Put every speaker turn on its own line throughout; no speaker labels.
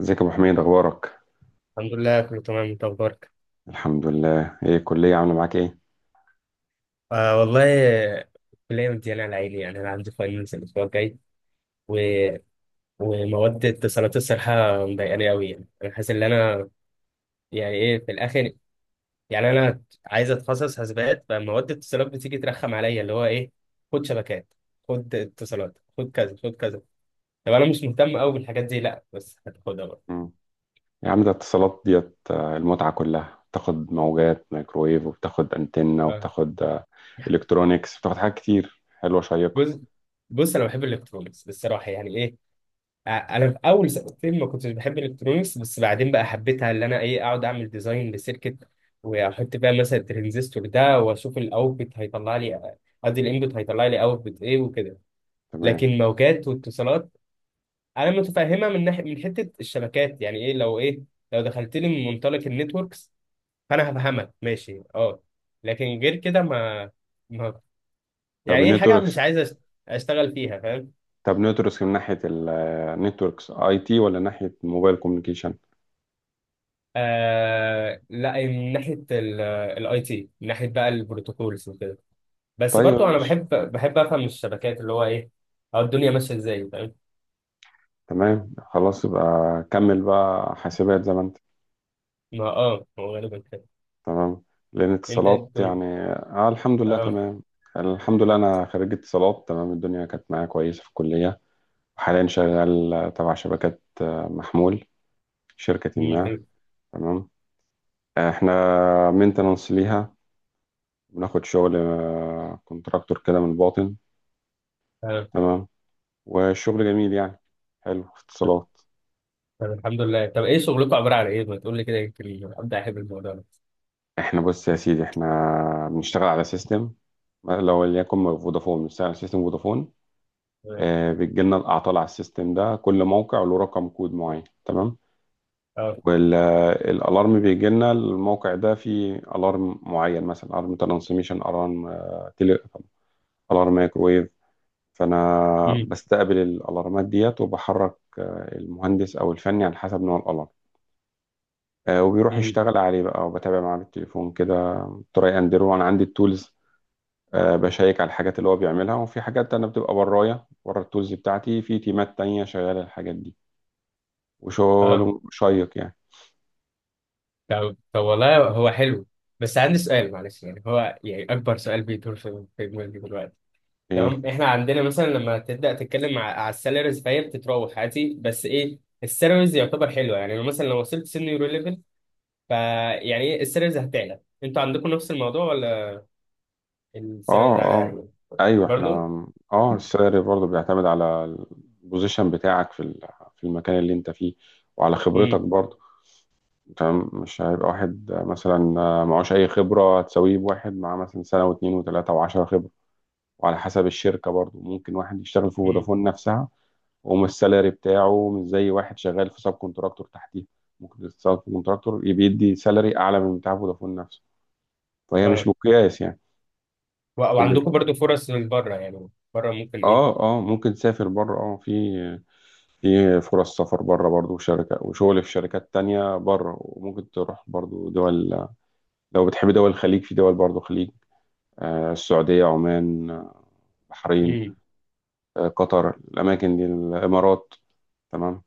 ازيك يا ابو حميد اخبارك؟
الحمد لله، كله تمام. انت اخبارك؟
الحمد لله، ايه الكليه عامله معاك ايه؟
آه والله. الكليه مديانه على عيني. يعني انا عندي فاينلز الاسبوع الجاي و... ومواد اتصالات الصراحه مضايقاني قوي. يعني انا حاسس ان انا يعني ايه، في الاخر يعني انا عايز اتخصص حاسبات، فمواد اتصالات بتيجي ترخم عليا اللي هو ايه، خد شبكات، خد اتصالات، خد كذا خد كذا. طب انا مش مهتم قوي بالحاجات دي، لا بس هتاخدها بقى.
مم. يا عم ده اتصالات ديت، المتعه كلها، بتاخد موجات مايكرويف وبتاخد انتنه
آه.
وبتاخد الكترونيكس، بتاخد حاجات كتير حلوه شيقه.
بص، بص انا بحب الالكترونكس الصراحه، يعني إيه، انا في اول سنتين ما كنتش بحب الالكترونيكس، بس بعدين بقى حبيتها، اللي انا ايه اقعد اعمل ديزاين لسيركت واحط بقى مثلا الترانزستور ده واشوف الاوتبوت هيطلع لي، قصدي الانبوت هيطلع لي اوتبوت ايه وكده.
تمام.
لكن موجات واتصالات، انا متفهمها من ناحيه، من حته الشبكات، يعني ايه لو ايه، لو دخلت لي من منطلق النتوركس فانا هفهمك ماشي، اه. لكن غير كده ما
طب
يعني ايه حاجه
النتوركس،
مش عايز اشتغل فيها، فاهم.
طب نتوركس من ناحيه، النتوركس اي تي ولا ناحيه موبايل كوميونيكيشن؟
آه لا، من ناحيه الاي تي، من ناحيه بقى البروتوكولز وكده، بس
طيب يا
برضو انا
باشا،
بحب افهم الشبكات، اللي هو ايه أو الدنيا ماشيه ازاي، فاهم.
تمام خلاص، يبقى كمل بقى حاسبات زي ما انت.
ما اه هو غالبا كده.
تمام، لأن
انت إيه
اتصالات
الدنيا؟
يعني. آه الحمد لله
اه.
تمام، الحمد لله. أنا خريج اتصالات، تمام، الدنيا كانت معايا كويسة في الكلية، وحاليا شغال تبع شبكات محمول، شركة
مم،
ما.
حلو.
تمام. احنا مينتنانس ليها، بناخد شغل كونتراكتور كده من الباطن.
اه.
تمام. والشغل جميل يعني، حلو في
طب
اتصالات.
طب الحمد لله. طب ايه شغلكم، عباره عن ايه؟ ما تقول لي كده يمكن ابدا احب الموضوع ده.
احنا بص يا سيدي، احنا بنشتغل على سيستم، لو ليكن فودافون بنشتغل على سيستم فودافون.
تمام.
بتجي لنا الاعطال على السيستم ده، كل موقع له رقم كود معين، تمام.
اه.
والالارم بيجي لنا، الموقع ده فيه الارم معين، مثلا الارم ترانسميشن الارم تيلي، الارم مايكرويف. فانا
مم.
بستقبل الالارمات ديت، وبحرك المهندس او الفني على حسب نوع الالارم، وبيروح
مم.
يشتغل عليه بقى، وبتابع معاه بالتليفون كده. تراي اندرو، انا عندي التولز، بشيك على الحاجات اللي هو بيعملها، وفي حاجات انا بتبقى برايا بره التولز بتاعتي، في تيمات تانية شغاله الحاجات دي.
اه.
وشغل شيق يعني.
طب والله هو حلو. بس عندي سؤال معلش، يعني هو يعني اكبر سؤال بيدور في دماغي دلوقتي.
ايه؟
تمام، احنا عندنا مثلا لما تبدا تتكلم على السالاريز، فهي بتتراوح عادي، بس ايه السالاريز يعتبر حلوه يعني، لو مثلا لو وصلت سينيور ليفل فيعني ايه السالاريز هتعلى؟ انتوا عندكم نفس الموضوع ولا؟
اه
السالاريز على
اه.
يعني.
ايوه، احنا،
برضه.
اه، السعر برضه بيعتمد على البوزيشن بتاعك في في المكان اللي انت فيه، وعلى خبرتك
امم.
برضه. تمام، مش هيبقى واحد مثلا معهوش اي خبره هتساويه بواحد معاه مثلا سنه واتنين وتلاته وعشرة خبره. وعلى حسب الشركه برضه، ممكن واحد يشتغل في
امم.
فودافون نفسها ومش، السالري بتاعه مش زي واحد شغال في سب كونتراكتور تحتيه. ممكن السب كونتراكتور يبقى يدي سالري اعلى من بتاع فودافون نفسه، فهي مش
اه.
مقياس يعني. كل،
وعندكم برضه فرص من بره؟ يعني بره ممكن ايه.
اه اه، ممكن تسافر بره، اه، في فرص سفر بره برضو، وشركة وشغل في شركات تانية بره. وممكن تروح برضو دول، لو بتحب دول الخليج، في دول برضو خليج، آه السعودية، عمان، بحرين،
امم.
آه قطر، الأماكن دي، الإمارات. تمام،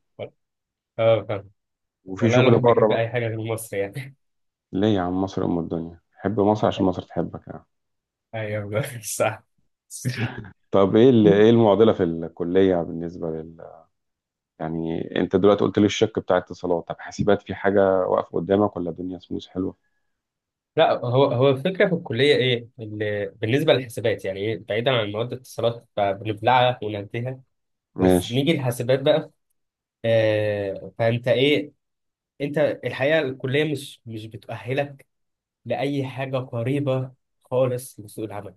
اه فاهم.
وفي
والله
شغل
الواحد
بره
بيحب
بقى.
اي حاجه غير مصر يعني.
ليه يا عم؟ مصر أم الدنيا، حب مصر عشان مصر تحبك يعني.
ايوه صح.
طب ايه ايه المعضلة في الكلية بالنسبة لل، يعني انت دلوقتي قلت لي الشق بتاع اتصالات، طب حاسبات في حاجة واقفة قدامك ولا الدنيا سموث حلوة؟
لا، هو الفكره في الكليه ايه، اللي بالنسبه للحسابات يعني ايه، بعيدا عن مواد الاتصالات فبنبلعها وننتهي، بس
ماشي.
نيجي الحسابات بقى. آه، فانت ايه، انت الحقيقه الكليه مش بتؤهلك لاي حاجه قريبه خالص لسوق العمل.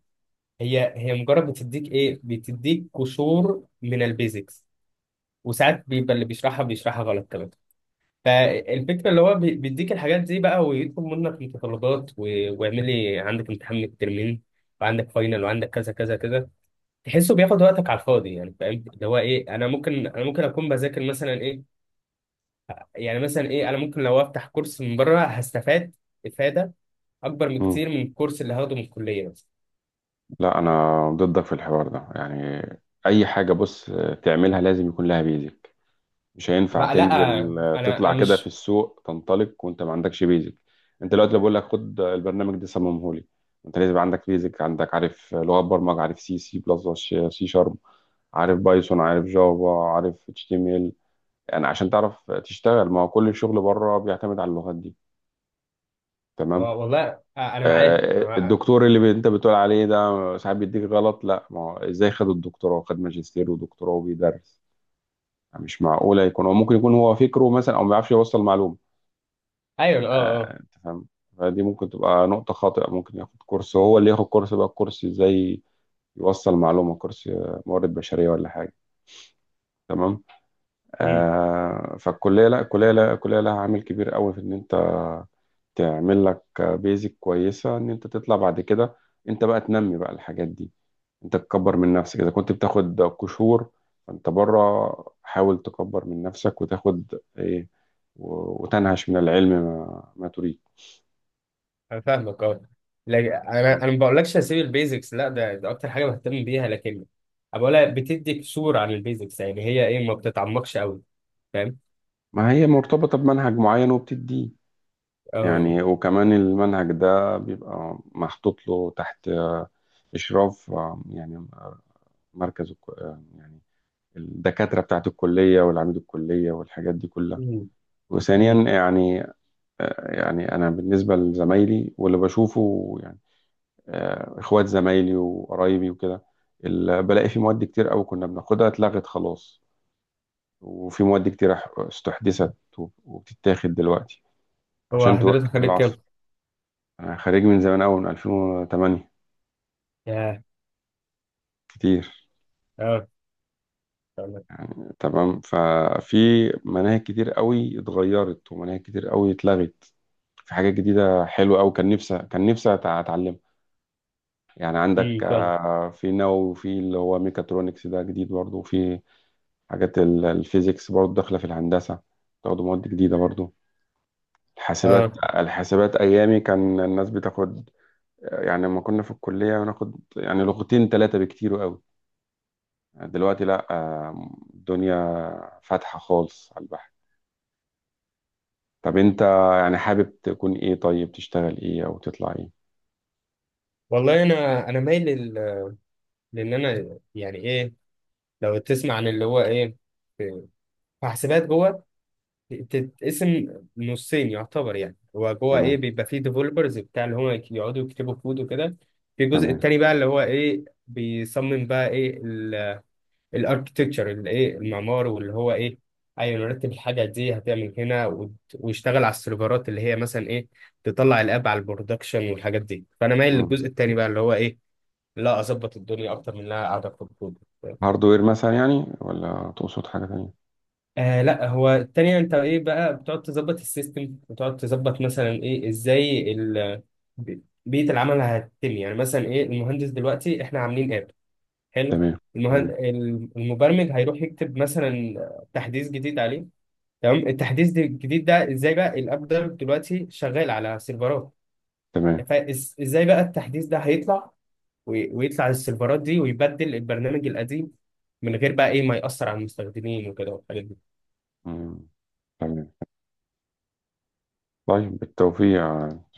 هي مجرد بتديك ايه، بتديك قشور من البيزكس، وساعات بيبقى اللي بيشرحها غلط كمان. فالفكرة اللي هو بيديك الحاجات دي بقى، ويطلب منك متطلبات، واعملي عندك امتحان من الترمين، وعندك فاينل، وعندك كذا كذا كذا، تحسه بياخد وقتك على الفاضي، يعني فاهم اللي هو ايه. انا ممكن اكون بذاكر مثلا ايه، يعني مثلا ايه، انا ممكن لو افتح كورس من بره هستفاد افادة اكبر من
مم.
كتير من الكورس اللي هاخده من الكلية مثلا.
لا انا ضدك في الحوار ده يعني. اي حاجه بص تعملها لازم يكون لها بيزك، مش هينفع
بقى لا،
تنزل
انا
تطلع
أنا
كده في
مش.
السوق تنطلق وانت ما عندكش بيزك. انت دلوقتي لو بقول لك خد البرنامج ده صممه لي، انت لازم عندك بيزك، عندك، عارف لغات برمجه، عارف سي سي بلس، سي شارب، عارف بايثون، عارف جافا، عارف اتش تي ام ال، يعني عشان تعرف تشتغل. ما هو كل الشغل بره بيعتمد على اللغات دي، تمام.
والله انا معاك، أنا معاك.
الدكتور اللي انت بتقول عليه ده ساعات بيديك غلط، لا ما هو ازاي؟ خد الدكتوراه، خد ماجستير ودكتوراه وبيدرس، مش معقولة يكون هو، ممكن يكون هو فكره مثلا، او ما بيعرفش يوصل معلومة،
ايوه اه.
انت فاهم. فدي ممكن تبقى نقطة خاطئة، ممكن ياخد كورس، هو اللي ياخد كورس بقى، كورس ازاي يوصل معلومة، كورس موارد بشرية ولا حاجة. تمام.
اه.
فالكلية، لا الكلية، لا الكلية لها عامل كبير قوي في ان انت تعمل لك بيزك كويسة، ان انت تطلع بعد كده انت بقى تنمي بقى الحاجات دي. انت تكبر من نفسك، اذا كنت بتاخد قشور فانت بره حاول تكبر من نفسك وتاخد ايه، وتنهش من العلم ما, ما تريد.
انا فاهمك اه. لكن انا ما بقولكش هسيب البيزكس، لا، ده، ده اكتر حاجه بهتم بيها، لكن أنا بقولها بتديك صوره عن البيزكس، يعني هي ايه، ما بتتعمقش قوي، فاهم.
ما هي مرتبطة بمنهج معين وبتديه
اه.
يعني، وكمان المنهج ده بيبقى محطوط له تحت إشراف يعني مركز يعني الدكاترة بتاعت الكلية والعميد الكلية والحاجات دي كلها.
أمم.
وثانيا
أمم.
يعني، يعني أنا بالنسبة لزمايلي واللي بشوفه، اخوات زمايلي وقرايبي وكده، بلاقي في مواد كتير قوي كنا بناخدها اتلغت خلاص، وفي مواد كتير استحدثت وبتتاخد دلوقتي
هو
عشان
حضرتك
تواكب
خدت كام؟
بالعصر. انا خريج من زمان قوي، من 2008،
ياه.
كتير
اه فاهمك.
يعني. تمام، ففي مناهج كتير قوي اتغيرت، ومناهج كتير قوي اتلغت، في حاجات جديدة حلوة قوي، كان نفسي اتعلمها. يعني عندك
فاهم.
في نووي، وفي اللي هو ميكاترونكس ده جديد برضه، وفي حاجات الفيزيكس برضو داخلة في الهندسة، تاخدوا مواد جديدة برضو. الحاسبات،
اه.
الحاسبات أيامي كان الناس بتاخد، يعني لما كنا في الكلية بناخد يعني لغتين ثلاثة بكتير قوي، دلوقتي لا، الدنيا فاتحة خالص على البحر. طب أنت يعني حابب تكون إيه؟ طيب تشتغل إيه أو تطلع إيه؟
والله انا مايل لان انا يعني ايه، لو تسمع عن اللي هو ايه، في، في حاسبات جوه تتقسم نصين يعتبر، يعني هو جوه ايه
تمام.
بيبقى فيه ديفلوبرز بتاع اللي هم يقعدوا يكتبوا كود وكده. في الجزء
تمام.
التاني بقى، اللي هو ايه، بيصمم بقى ايه الاركتكتشر، اللي ايه المعمار، واللي هو ايه، ايوه نرتب الحاجه دي هتعمل هنا ويشتغل على السيرفرات، اللي هي مثلا ايه تطلع الاب على البرودكشن والحاجات دي. فانا مايل
مم.
للجزء التاني بقى، اللي هو ايه، لا اظبط الدنيا اكتر من انها قاعده اكتب كود.
هاردوير مثلا يعني، ولا تقصد حاجة تانية؟
آه لا، هو التانية انت ايه بقى، بتقعد تظبط السيستم، بتقعد تظبط مثلا ايه ازاي ال بيئة العمل هتتم، يعني مثلا ايه، المهندس دلوقتي احنا عاملين اب، حلو.
تمام. تمام.
المبرمج هيروح يكتب مثلا تحديث جديد عليه، تمام. التحديث الجديد ده ازاي بقى الاب ده دلوقتي شغال على سيرفرات،
تمام.
فازاي بقى التحديث ده هيطلع، ويطلع للسيرفرات دي، ويبدل البرنامج القديم من غير بقى ايه ما يأثر على المستخدمين وكده والحاجات
مم. تمام. طيب بالتوفيق،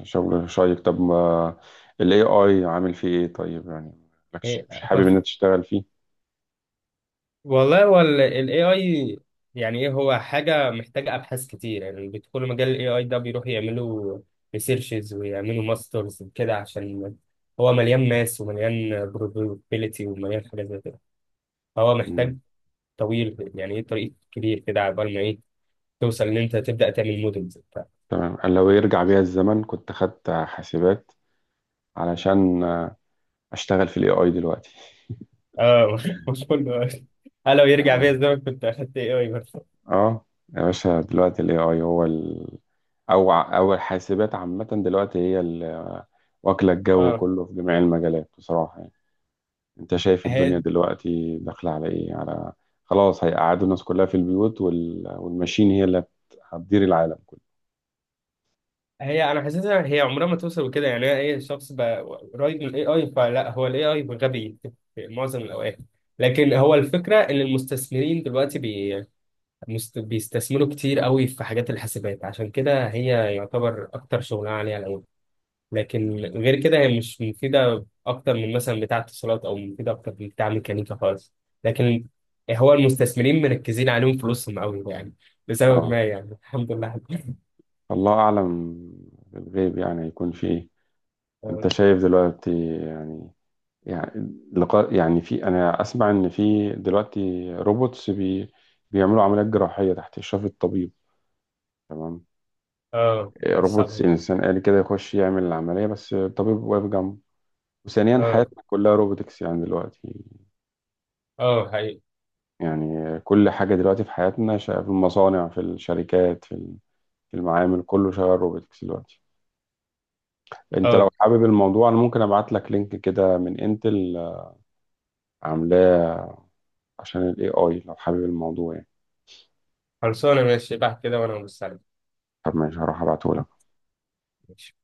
شغل شيق. طب ما ال AI عامل فيه ايه طيب يعني؟ مالكش-
دي.
مش حابب انك تشتغل فيه؟
والله هو ال AI، يعني ايه، هو حاجة محتاجة ابحاث كتير. يعني بيدخلوا مجال ال AI ده بيروحوا يعملوا ريسيرشز ويعملوا ماسترز كده، عشان هو مليان ماس ومليان probability ومليان حاجات زي كده، فهو
مم.
محتاج طويل، يعني ايه طريق كبير كده عقبال ما ايه توصل ان انت تبدأ تعمل مودلز وبتاع.
تمام. أنا لو يرجع بيا الزمن كنت خدت حاسبات علشان اشتغل في ال AI دلوقتي.
اه. مش كله قال لو يرجع بيا
تمام.
الزمن كنت اخدت AI بس.
اه، يا باشا، دلوقتي ال AI هو ال... او او الحاسبات عامة دلوقتي هي واكلة الجو كله في جميع المجالات بصراحة يعني. انت شايف الدنيا
اه.
دلوقتي داخلة على ايه؟ على، خلاص، هيقعدوا الناس كلها في البيوت، وال... والماشين هي اللي هتدير العالم كله.
هي انا حاسسها هي عمرها ما توصل لكده، يعني هي ايه الشخص بقى قريب من الاي اي فلا، هو الاي اي غبي في معظم الاوقات. لكن هو الفكره ان المستثمرين دلوقتي بيستثمروا كتير قوي في حاجات الحاسبات، عشان كده هي يعتبر اكتر شغلانه عليها الاول، لكن غير كده هي مش مفيده اكتر من مثلا بتاع اتصالات، او مفيده اكتر من بتاع ميكانيكا خالص، لكن هو المستثمرين مركزين عليهم فلوسهم قوي يعني، لسبب
اه،
ما يعني. الحمد لله.
الله اعلم بالغيب، يعني هيكون في ايه.
اه.
انت شايف دلوقتي، يعني، يعني لقاء، يعني، في، انا اسمع ان في دلوقتي روبوتس بيعملوا عمليات جراحية تحت اشراف الطبيب، تمام.
آه،
إيه،
لا، صعب
روبوتس،
أوي.
انسان آلي كده يخش يعمل العملية بس الطبيب واقف جنبه. وثانيا
اه،
حياتنا كلها روبوتكس يعني دلوقتي.
اه، حقيقي.
يعني كل حاجة دلوقتي في حياتنا في المصانع، في الشركات، في في المعامل، كله شغال روبوتكس دلوقتي. انت لو
اه.
حابب الموضوع انا ممكن ابعت لك لينك كده من انتل عاملاه عشان الاي اي، لو حابب الموضوع يعني.
خلصانه ماشي بقى كده، وانا ببص عليك.
طب ماشي، هروح ابعته لك.
ماشي.